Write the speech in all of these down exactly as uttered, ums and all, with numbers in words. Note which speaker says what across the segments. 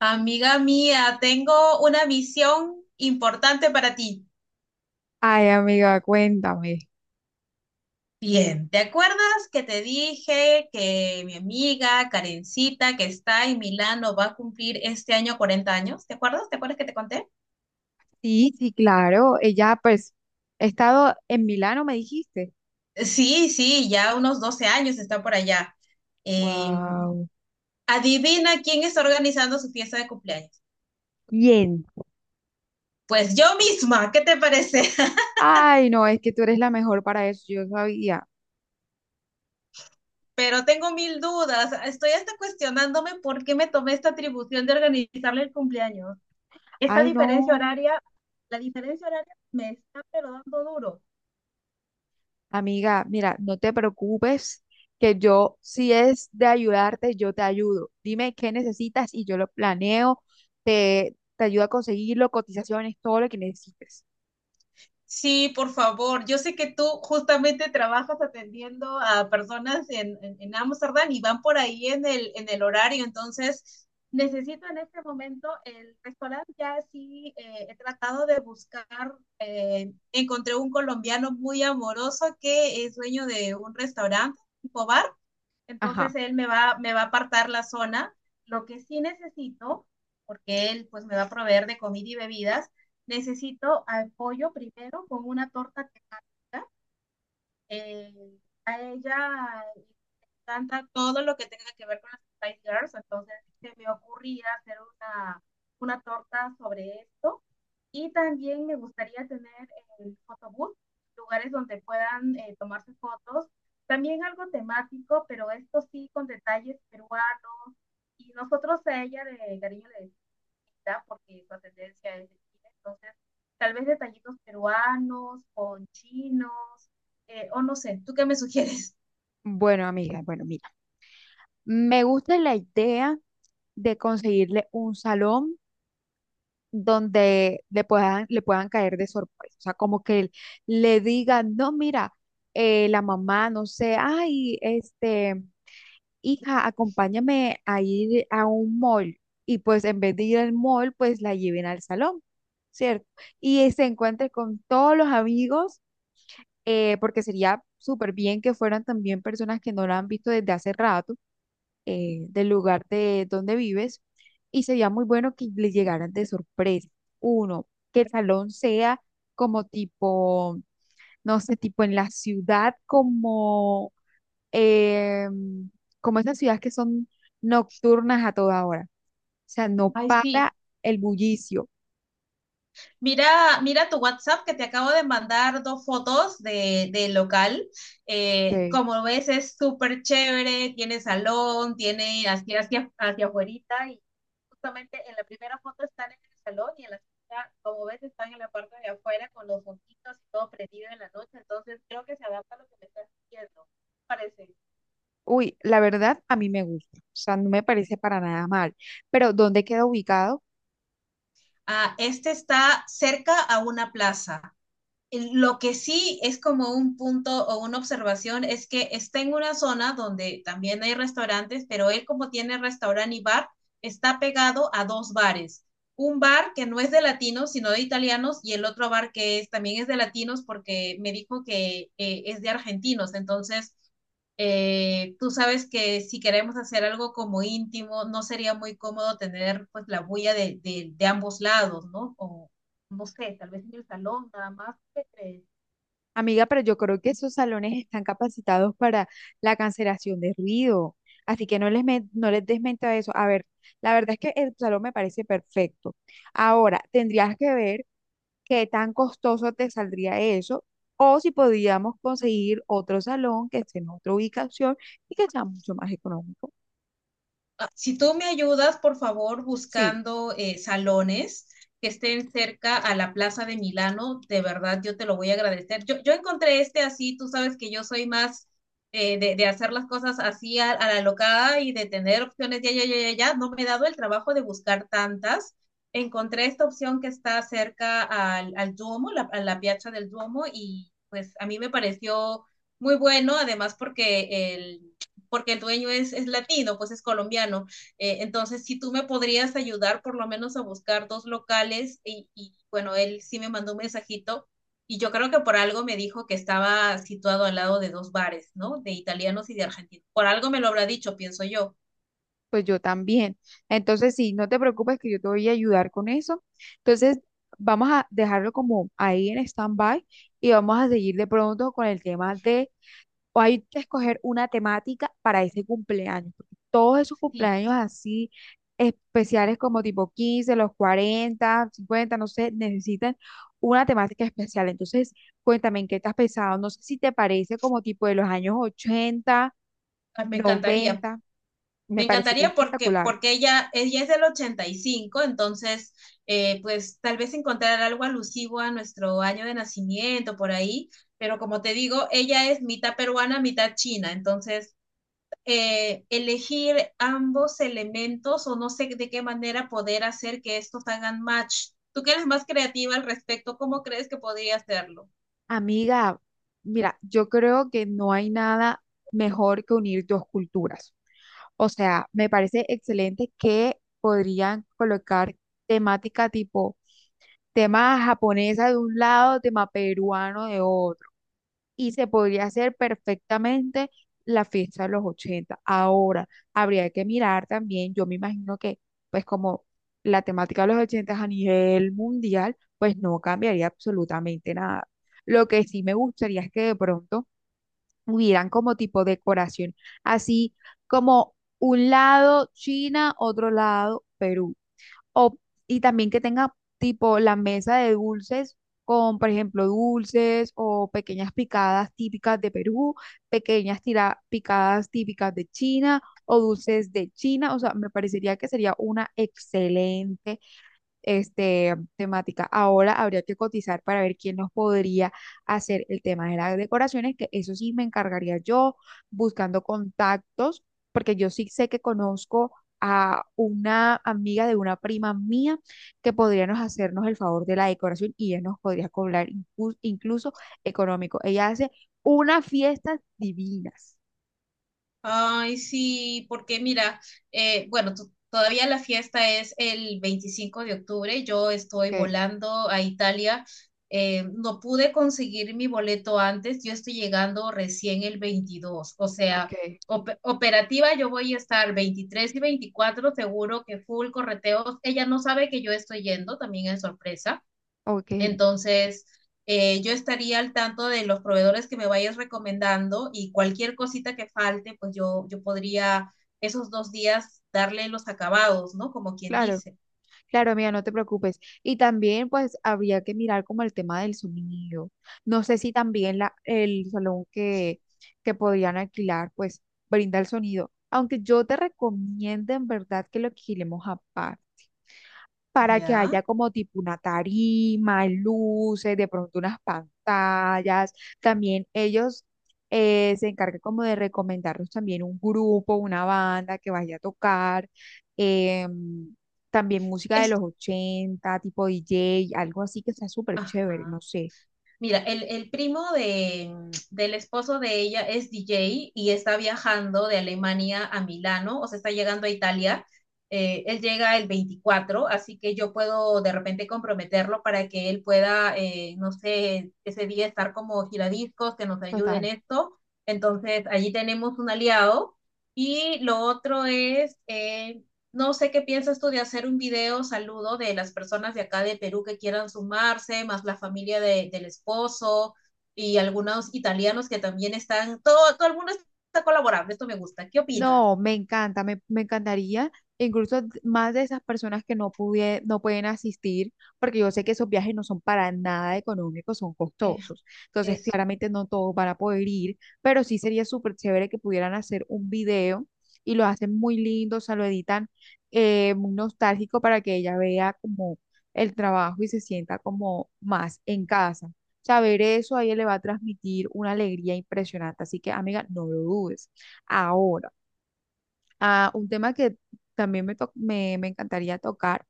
Speaker 1: Amiga mía, tengo una misión importante para ti.
Speaker 2: Ay, amiga, cuéntame.
Speaker 1: Bien, ¿te acuerdas que te dije que mi amiga Karencita, que está en Milano, va a cumplir este año cuarenta años? ¿Te acuerdas? ¿Te acuerdas que te conté?
Speaker 2: Sí, sí, claro. Ella, pues, he estado en Milano, me dijiste.
Speaker 1: Sí, sí, ya unos doce años está por allá. Eh,
Speaker 2: Wow.
Speaker 1: Adivina quién está organizando su fiesta de cumpleaños.
Speaker 2: Bien.
Speaker 1: Pues yo misma, ¿qué te parece?
Speaker 2: Ay, no, es que tú eres la mejor para eso, yo sabía.
Speaker 1: Pero tengo mil dudas. Estoy hasta cuestionándome por qué me tomé esta atribución de organizarle el cumpleaños. Esta
Speaker 2: Ay,
Speaker 1: diferencia
Speaker 2: no.
Speaker 1: horaria, la diferencia horaria me está pero dando duro.
Speaker 2: Amiga, mira, no te preocupes, que yo, si es de ayudarte, yo te ayudo. Dime qué necesitas y yo lo planeo. Te, te ayudo a conseguirlo, cotizaciones, todo lo que necesites.
Speaker 1: Sí, por favor. Yo sé que tú justamente trabajas atendiendo a personas en, en, en Amsterdam y van por ahí en el, en el horario. Entonces, necesito en este momento el restaurante. Ya sí eh, he tratado de buscar. Eh, encontré un colombiano muy amoroso que es dueño de un restaurante tipo bar.
Speaker 2: Ajá.
Speaker 1: Entonces él me va, me va a apartar la zona. Lo que sí necesito, porque él pues me va a proveer de comida y bebidas, necesito apoyo primero con una torta temática, eh, a ella le encanta todo lo que tenga que ver con las Spice Girls, entonces se me ocurría hacer una, una torta sobre esto. Y también me gustaría tener el photobooth, lugares donde puedan eh, tomarse fotos. También algo temático, pero esto sí con detalles peruanos. Y nosotros a ella de cariño le, ¿verdad? Porque su ascendencia es de China. Entonces, tal vez detallitos peruanos, con chinos, eh, o no sé, ¿tú qué me sugieres?
Speaker 2: Bueno, amiga, bueno, mira. Me gusta la idea de conseguirle un salón donde le puedan, le puedan caer de sorpresa. O sea, como que él le diga, no, mira, eh, la mamá, no sé, ay, este, hija, acompáñame a ir a un mall. Y pues en vez de ir al mall, pues la lleven al salón, ¿cierto? Y eh, se encuentre con todos los amigos, eh, porque sería súper bien que fueran también personas que no la han visto desde hace rato eh, del lugar de donde vives y sería muy bueno que le llegaran de sorpresa. Uno, que el salón sea como tipo, no sé, tipo en la ciudad, como, eh, como esas ciudades que son nocturnas a toda hora. O sea, no
Speaker 1: Ay,
Speaker 2: para
Speaker 1: sí,
Speaker 2: el bullicio.
Speaker 1: mira, mira tu WhatsApp que te acabo de mandar dos fotos de, de local. Eh,
Speaker 2: Que
Speaker 1: como ves, es súper chévere, tiene salón, tiene así hacia, hacia afuerita y justamente en la primera foto están en el salón y en la segunda, como ves, están en la parte de afuera con los foquitos y todo prendido en la noche. Entonces, creo que se adapta a lo que me estás diciendo, parece.
Speaker 2: Uy, la verdad a mí me gusta, o sea, no me parece para nada mal, pero ¿dónde queda ubicado?
Speaker 1: Ah, este está cerca a una plaza. Lo que sí es como un punto o una observación es que está en una zona donde también hay restaurantes, pero él como tiene restaurante y bar, está pegado a dos bares. Un bar que no es de latinos, sino de italianos, y el otro bar que es, también es de latinos porque me dijo que eh, es de argentinos. Entonces, eh, tú sabes que si queremos hacer algo como íntimo, no sería muy cómodo tener pues la bulla de, de, de ambos lados, ¿no? O, no sé, tal vez en el salón, nada más que.
Speaker 2: Amiga, pero yo creo que esos salones están capacitados para la cancelación de ruido, así que no les, men- no les des mente a eso. A ver, la verdad es que el salón me parece perfecto. Ahora, tendrías que ver qué tan costoso te saldría eso o si podíamos conseguir otro salón que esté en otra ubicación y que sea mucho más económico.
Speaker 1: Ah, si tú me ayudas, por favor,
Speaker 2: Sí,
Speaker 1: buscando eh, salones que estén cerca a la Plaza de Milano, de verdad yo te lo voy a agradecer. Yo, yo encontré este así, tú sabes que yo soy más eh, de, de, hacer las cosas así a, a, la locada y de tener opciones, ya, ya, ya, ya, ya, no me he dado el trabajo de buscar tantas. Encontré esta opción que está cerca al, al Duomo, la, a la piazza del Duomo, y pues a mí me pareció muy bueno, además porque el, porque el dueño es, es latino, pues es colombiano. Eh, entonces, si tú me podrías ayudar por lo menos a buscar dos locales y, y, bueno, él sí me mandó un mensajito y yo creo que por algo me dijo que estaba situado al lado de dos bares, ¿no? De italianos y de argentinos. Por algo me lo habrá dicho, pienso yo.
Speaker 2: pues yo también. Entonces, sí, no te preocupes que yo te voy a ayudar con eso. Entonces, vamos a dejarlo como ahí en stand-by y vamos a seguir de pronto con el tema de, o hay que escoger una temática para ese cumpleaños, porque todos esos
Speaker 1: Sí,
Speaker 2: cumpleaños así especiales, como tipo quince, los cuarenta, cincuenta, no sé, necesitan una temática especial. Entonces, cuéntame en qué te has pensado. No sé si te parece como tipo de los años ochenta,
Speaker 1: ah, me encantaría.
Speaker 2: noventa.
Speaker 1: Me
Speaker 2: Me parecería
Speaker 1: encantaría porque,
Speaker 2: espectacular.
Speaker 1: porque ella, ella es del ochenta y cinco, entonces, eh, pues tal vez encontrar algo alusivo a nuestro año de nacimiento por ahí, pero como te digo, ella es mitad peruana, mitad china, entonces eh, elegir ambos elementos o no sé de qué manera poder hacer que estos hagan match. Tú que eres más creativa al respecto, ¿cómo crees que podría hacerlo?
Speaker 2: Amiga, mira, yo creo que no hay nada mejor que unir dos culturas. O sea, me parece excelente que podrían colocar temática tipo tema japonesa de un lado, tema peruano de otro y se podría hacer perfectamente la fiesta de los ochenta. Ahora, habría que mirar también, yo me imagino que, pues como la temática de los ochenta a nivel mundial, pues no cambiaría absolutamente nada. Lo que sí me gustaría es que de pronto hubieran como tipo decoración, así como un lado China, otro lado Perú. O, y también que tenga tipo la mesa de dulces con, por ejemplo, dulces o pequeñas picadas típicas de Perú, pequeñas tira- picadas típicas de China o dulces de China. O sea, me parecería que sería una excelente este, temática. Ahora habría que cotizar para ver quién nos podría hacer el tema de las decoraciones, que eso sí me encargaría yo buscando contactos, porque yo sí sé que conozco a una amiga de una prima mía que podríamos hacernos el favor de la decoración y ella nos podría cobrar inclu- incluso económico. Ella hace unas fiestas divinas.
Speaker 1: Ay, sí, porque mira, eh, bueno, to- todavía la fiesta es el veinticinco de octubre, yo estoy
Speaker 2: Ok,
Speaker 1: volando a Italia, eh, no pude conseguir mi boleto antes, yo estoy llegando recién el veintidós. O
Speaker 2: ok,
Speaker 1: sea, op- operativa yo voy a estar veintitrés y veinticuatro. Seguro que full correteos, ella no sabe que yo estoy yendo, también es sorpresa.
Speaker 2: ok,
Speaker 1: Entonces, eh, yo estaría al tanto de los proveedores que me vayas recomendando y cualquier cosita que falte, pues yo, yo podría esos dos días darle los acabados, ¿no? Como quien
Speaker 2: claro.
Speaker 1: dice.
Speaker 2: Claro, amiga, no te preocupes. Y también, pues, habría que mirar como el tema del sonido. No sé si también la, el salón que, que podrían alquilar, pues, brinda el sonido. Aunque yo te recomiendo en verdad que lo alquilemos aparte para que
Speaker 1: Ya.
Speaker 2: haya como tipo una tarima, luces, de pronto unas pantallas. También ellos eh, se encargan como de recomendarnos también un grupo, una banda que vaya a tocar. em, también música de
Speaker 1: Es-
Speaker 2: los ochenta tipo D J, algo así que sea súper chévere,
Speaker 1: Ajá.
Speaker 2: no sé.
Speaker 1: Mira, el, el primo de, del esposo de ella es D J y está viajando de Alemania a Milano, o sea, está llegando a Italia. Eh, él llega el veinticuatro, así que yo puedo de repente comprometerlo para que él pueda, eh, no sé, ese día estar como giradiscos, que nos ayude en
Speaker 2: Total.
Speaker 1: esto. Entonces, allí tenemos un aliado. Y lo otro es, eh, no sé qué piensas tú de hacer un video saludo de las personas de acá de Perú que quieran sumarse, más la familia de- del esposo y algunos italianos que también están, todo, todo el mundo está colaborando, esto me gusta. ¿Qué opinas?
Speaker 2: No, me encanta, me, me encantaría, incluso más de esas personas que no pudie- no pueden asistir, porque yo sé que esos viajes no son para nada económicos, son
Speaker 1: Eh,
Speaker 2: costosos. Entonces,
Speaker 1: Eso.
Speaker 2: claramente no todos van a poder ir, pero sí sería súper chévere que pudieran hacer un video y lo hacen muy lindo, o sea, lo editan eh, muy nostálgico para que ella vea como el trabajo y se sienta como más en casa. Saber eso a ella le va a transmitir una alegría impresionante, así que amiga, no lo dudes. Ahora a un tema que también me, to- me, me encantaría tocar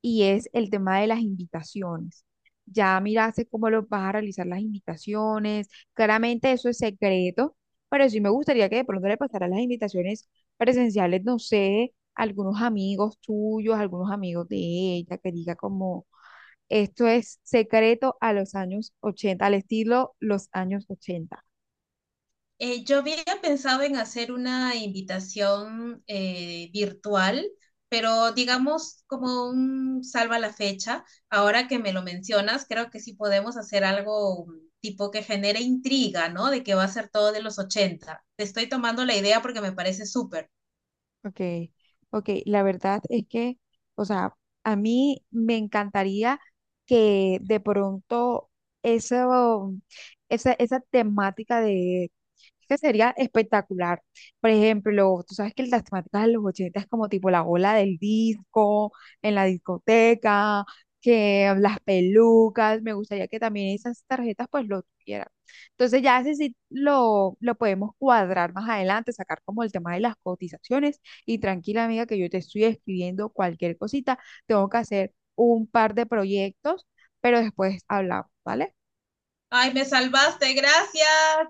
Speaker 2: y es el tema de las invitaciones. Ya miraste cómo lo vas a realizar las invitaciones. Claramente eso es secreto, pero sí me gustaría que de pronto le pasaran las invitaciones presenciales, no sé, a algunos amigos tuyos, a algunos amigos de ella, que diga como esto es secreto a los años ochenta, al estilo los años ochenta.
Speaker 1: Eh, yo había pensado en hacer una invitación eh, virtual, pero digamos como un salva la fecha. Ahora que me lo mencionas, creo que sí podemos hacer algo mm, tipo que genere intriga, ¿no? De que va a ser todo de los ochenta. Te estoy tomando la idea porque me parece súper.
Speaker 2: Ok, ok, la verdad es que, o sea, a mí me encantaría que de pronto eso, esa, esa temática de, es que sería espectacular. Por ejemplo, tú sabes que las temáticas de los ochenta es como tipo la ola del disco, en la discoteca, que las pelucas, me gustaría que también esas tarjetas pues lo tuvieran. Entonces ya ese sí lo, lo podemos cuadrar más adelante, sacar como el tema de las cotizaciones y tranquila, amiga, que yo te estoy escribiendo cualquier cosita. Tengo que hacer un par de proyectos, pero después hablamos, ¿vale?
Speaker 1: Ay, me salvaste, gracias.